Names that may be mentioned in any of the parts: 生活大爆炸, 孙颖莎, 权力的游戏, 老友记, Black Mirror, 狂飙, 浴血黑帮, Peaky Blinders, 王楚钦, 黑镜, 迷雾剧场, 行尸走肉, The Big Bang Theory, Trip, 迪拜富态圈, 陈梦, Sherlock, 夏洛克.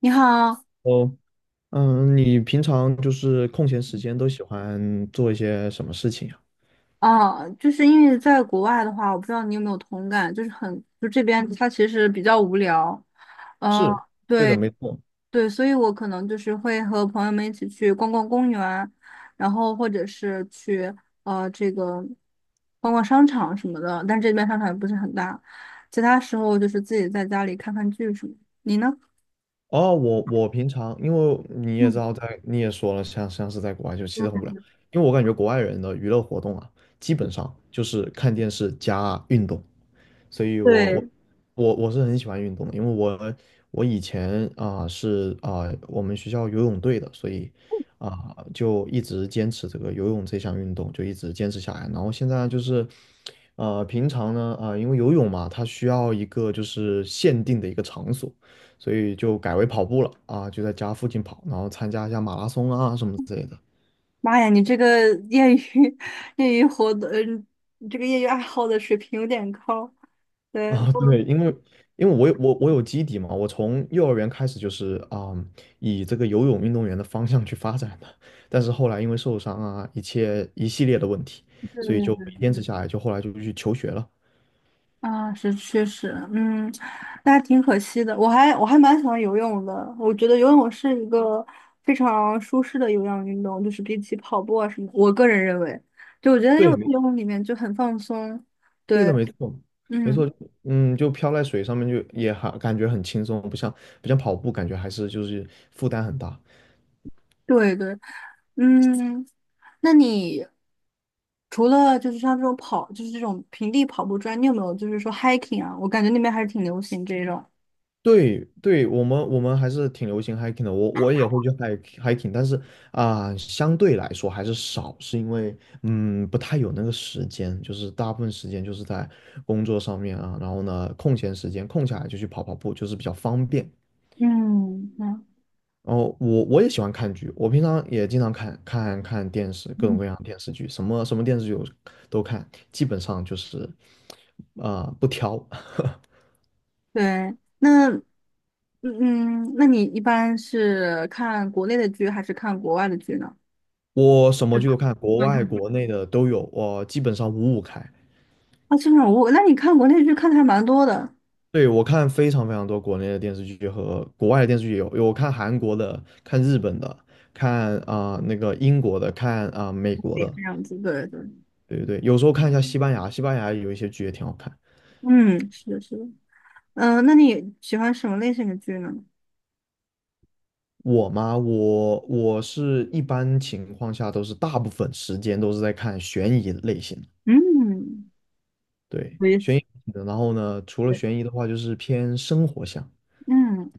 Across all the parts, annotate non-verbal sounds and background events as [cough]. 你好。哦，嗯，你平常就是空闲时间都喜欢做一些什么事情呀？就是因为在国外的话，我不知道你有没有同感，就是很，就这边它其实比较无聊。嗯、是，对的，没错。对，所以我可能就是会和朋友们一起去逛逛公园，然后或者是去这个逛逛商场什么的，但这边商场也不是很大。其他时候就是自己在家里看看剧什么的，你呢？哦，我平常，因为你也知嗯，道在，你也说了，像是在国外就其实很无聊，因为我感觉国外人的娱乐活动啊，基本上就是看电视加运动。所以我我对。我我是很喜欢运动的，因为我我以前我们学校游泳队的，所以就一直坚持这个游泳这项运动，就一直坚持下来。然后现在就是平常呢因为游泳嘛，它需要一个就是限定的一个场所，所以就改为跑步了就在家附近跑，然后参加一下马拉松啊什么之类的。妈呀，你这个业余 [laughs] 业余活动，嗯，你这个业余爱好的水平有点高。对，我啊，对，因为我有我有基底嘛，我从幼儿园开始就是以这个游泳运动员的方向去发展的，但是后来因为受伤啊，一切一系列的问题，所是以就没坚持下来，就后来就去求学了。啊，是确实。嗯，那还挺可惜的。我还蛮喜欢游泳的。我觉得游泳是一个非常舒适的有氧运动，就是比起跑步啊什么，我个人认为，就我觉得就对，游没泳里面就很放松。对的，对。没错，没嗯。错，嗯，就漂在水上面就也还感觉很轻松，不像跑步，感觉还是就是负担很大。对对，嗯，那你除了就是像这种跑，就是这种平地跑步之外，你有没有就是说 hiking 啊？我感觉那边还是挺流行这种。对对，我们还是挺流行 hiking 的，我我也会去 hiking，但是相对来说还是少，是因为不太有那个时间，就是大部分时间就是在工作上面啊，然后呢空闲时间空下来就去跑跑步，就是比较方便。嗯，嗯然后我我也喜欢看剧，我平常也经常看看电视，各种嗯 各样的电视剧，什么电视剧我都看，基本上就是不挑。[laughs] [laughs] 对。那你一般是看国内的剧还是看国外的剧呢？我什么是剧的，都看，国对外国内的都有，我基本上五五开。啊。这种我，那你看国内剧看的还蛮多的。对，我看非常非常多国内的电视剧和国外的电视剧有，有我看韩国的，看日本的，看那个英国的，看美国对，的，这样子，对对。对对对，有时候看一下西班牙，西班牙有一些剧也挺好看。嗯，是的，是的。嗯、那你喜欢什么类型的剧呢？我嘛，我是一般情况下都是大部分时间都是在看悬疑类型的，嗯，对，悬疑类我。型的。然后呢，除了悬疑的话，就是偏生活向。嗯，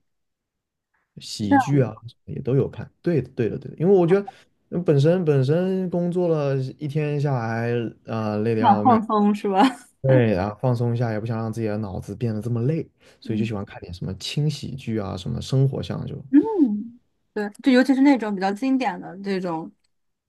这喜剧样啊也都有看。对的，对的，对的，因为我觉得本身工作了一天下来，累得这样要命，放松是吧？对，然后放松一下，也不想让自己的脑子变得这么累，[laughs] 所以就嗯喜欢看点什么轻喜剧啊，什么生活向就。嗯，对，就尤其是那种比较经典的这种，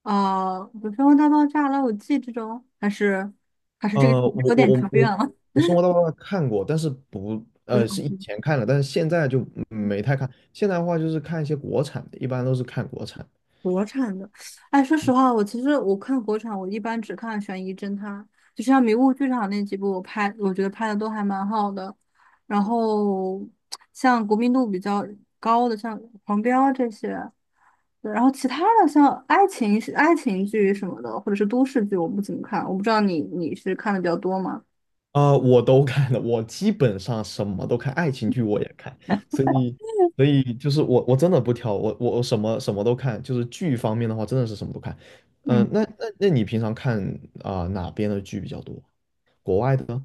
比如说《生活大爆炸》《老友记》这种，还是这个呃，我有我点久我远我了。我《生活大爆炸》看过，但是不 [laughs] 不是？是以前看了，但是现在就没太看。现在的话就是看一些国产的，一般都是看国产。国产的，哎，说实话，其实我看国产，我一般只看悬疑侦探。就像《迷雾剧场》那几部，我觉得拍的都还蛮好的。然后像国民度比较高的，像《狂飙》这些。对，然后其他的像爱情剧什么的，或者是都市剧，我不怎么看。我不知道你是看的比较多吗？我都看了，我基本上什么都看，爱情剧我也看，所以，所以就是我真的不挑，我什么都看，就是剧方面的话，真的是什么都看。嗯、嗯。那你平常看哪边的剧比较多？国外的呢？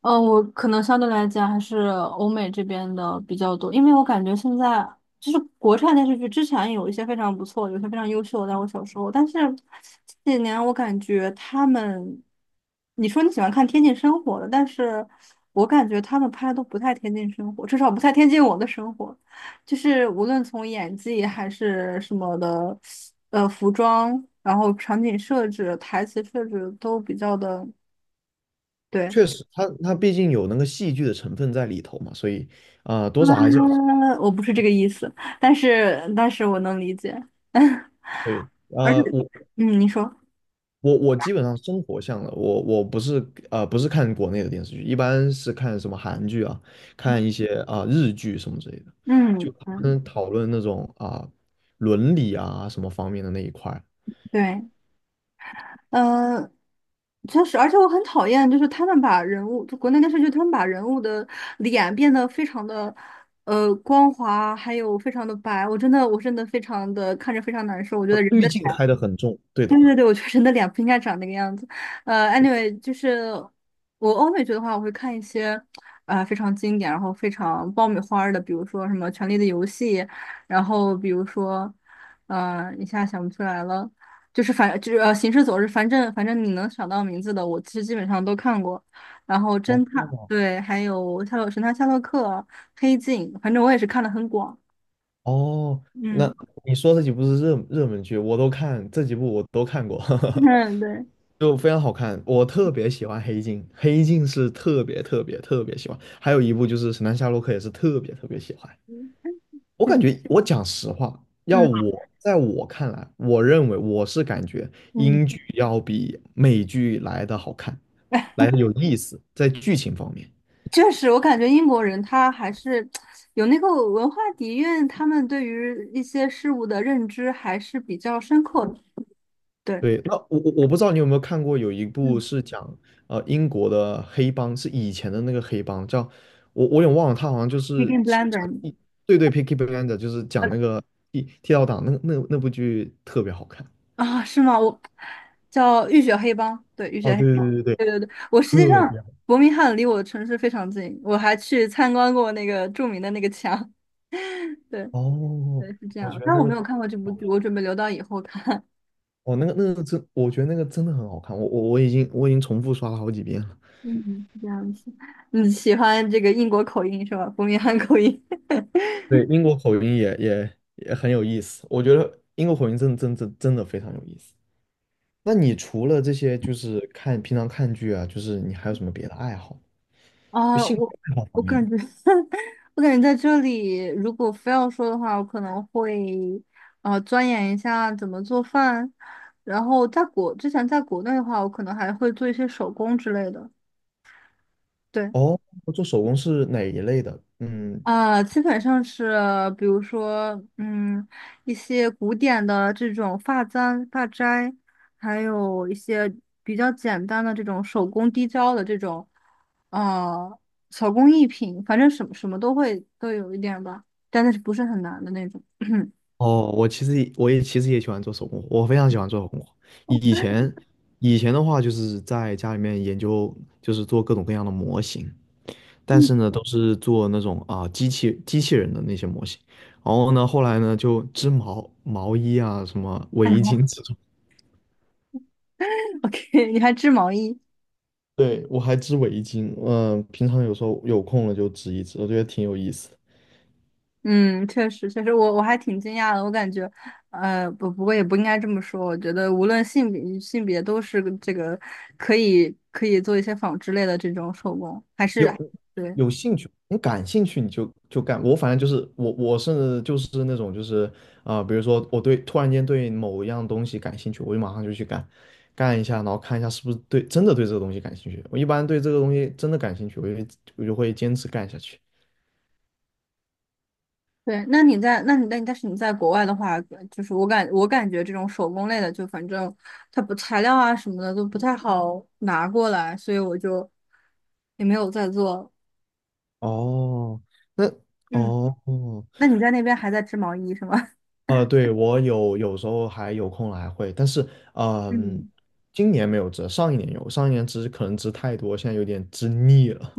嗯，我可能相对来讲还是欧美这边的比较多。因为我感觉现在就是国产电视剧，之前有一些非常不错，有些非常优秀的，在我小时候，但是这几年我感觉他们，你说你喜欢看贴近生活的，但是我感觉他们拍的都不太贴近生活，至少不太贴近我的生活，就是无论从演技还是什么的，服装，然后场景设置、台词设置都比较的。对。确实，它毕竟有那个戏剧的成分在里头嘛，所以多少还是有嗯，我不是这个意思，但是我能理解。[laughs] 对。而啊且我你说。我基本上生活向的，我我不是不是看国内的电视剧，一般是看什么韩剧啊，看一些日剧什么之类的，就嗯他嗯，们讨论那种伦理啊什么方面的那一块儿对，呃，确实。而且我很讨厌，就是他们把人物，就国内电视剧，他们把人物的脸变得非常的光滑，还有非常的白，我真的非常的看着非常难受。我觉哦，得人滤的，镜开的很重，对的。对对对，我觉得人的脸不应该长那个样子。anyway，就是我欧美剧的话，我会看一些非常经典，然后非常爆米花儿的，比如说什么《权力的游戏》。然后比如说一下想不出来了，就是反就是《行尸走肉》。反正你能想到名字的，我其实基本上都看过。然后侦哦探，对，还有神探夏洛克、黑镜，反正我也是看的很广。哦，那嗯。你说这几部是热门剧，我都看，这几部我都看过，[laughs] 嗯，对，[laughs] 就非常好看。我特别喜欢黑镜，黑镜是特别特别特别喜欢，还有一部就是神探夏洛克也是特别特别喜欢。嗯我感觉，我讲实话，要嗯。我我看来，我认为我是感觉嗯英剧要比美剧来的好看，来的有意思，在剧情方面。确实，我感觉英国人他还是有那个文化底蕴，他们对于一些事物的认知还是比较深刻的。对。对，那我不知道你有没有看过，有一部嗯 是讲英国的黑帮，是以前的那个黑帮，叫我我也忘了，他好像b e g i n 是 Blender。 讲地对对 p i c k y b l i n d e r 就是呃讲那个剃刀党，那部剧特别好看。啊，是吗？我叫浴血黑帮，对，浴血哦，黑对对帮，对对，对对对，我实际特上别好。伯明翰离我的城市非常近，我还去参观过那个著名的那个墙。[laughs] 对哦，对，是这我觉样。得但那我个。没有看过这部哦剧，我准备留到以后看。[laughs] 哦，那个那个真，我觉得那个真的很好看，我已经我已经重复刷了好几遍了。嗯，是这样子。你喜欢这个英国口音是吧？伯明翰口音。对，英国口音也很有意思，我觉得英国口音真的真的非常有意思。那你除了这些，就是看平常看剧啊，就是你还有什么别的爱好？就啊，兴趣我爱好方我面的。感觉，[laughs] 我感觉在这里，如果非要说的话，我可能会钻研一下怎么做饭。然后之前在国内的话，我可能还会做一些手工之类的。对。哦，做手工是哪一类的？嗯，啊，基本上是，比如说，嗯，一些古典的这种发簪、发钗，还有一些比较简单的这种手工滴胶的这种，呃，手工艺品，反正什么什么都会都有一点吧，但是不是很难的那种。[clears throat] 嗯 哦，我也其实也喜欢做手工活，我非常喜欢做手工活以前的话，就是在家里面研究，就是做各种各样的模型。但是呢，都是做那种啊机器人的那些模型。然后呢，后来呢就织毛衣啊，什么围巾这种。o k [laughs] 你还织毛衣？对，我还织围巾，嗯、平常有时候有空了就织一织，我觉得挺有意思的。嗯，确实，确实，我还挺惊讶的。我感觉，不过也不应该这么说。我觉得，无论性别都是个这个可以做一些纺织类的这种手工，还有是对有兴趣，你感兴趣你就干。我反正就是我是就是那种就是比如说突然间对某一样东西感兴趣，我就马上就去干，干一下，然后看一下是不是真的对这个东西感兴趣。我一般对这个东西真的感兴趣，我就会坚持干下去。对。那你在那你但但是你在国外的话，就是我感觉这种手工类的，就反正它不材料啊什么的都不太好拿过来，所以我就也没有再做。哦，那嗯，哦哦，那你在那边还在织毛衣是吗？[laughs] 对，我有时候还有空了还会，但是嗯、嗯今年没有织，上一年有，上一年织可能织太多，现在有点织腻了。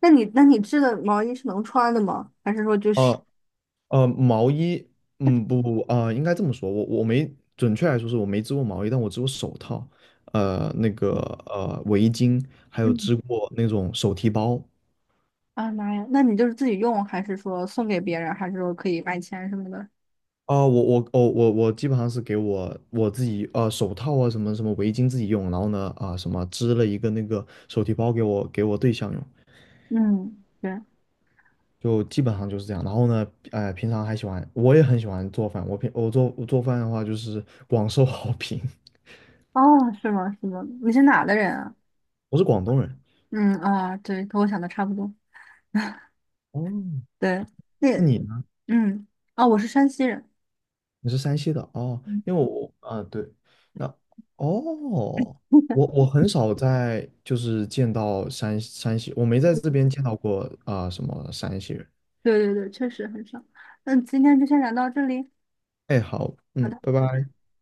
那你织的毛衣是能穿的吗？还是说就是，哦。呃，毛衣，嗯，不不不，应该这么说，我我没准确来说是我没织过毛衣，但我织过手套，呃，那个围巾，还有嗯，织过那种手提包。啊妈呀，那你就是自己用，还是说送给别人，还是说可以卖钱什么的？我我基本上是给我自己手套啊什么围巾自己用，然后呢什么织了一个那个手提包给我对象用，嗯，对，就基本上就是这样。然后呢，呃，平常还喜欢，我也很喜欢做饭，我做饭的话就是广受好评，哦，是吗？是吗？你是哪的人啊？[laughs] 我是广东人。嗯啊，对，和我想的差不多。哦，对，那那你呢？嗯，哦，我是山西人。你是山西的哦，嗯，因为我啊对，那哦，我我很少就是见到山西，我没在这边见到过什么山西人。对对对，确实很少。那今天就先聊到这里。哎，好，好嗯，的。拜拜。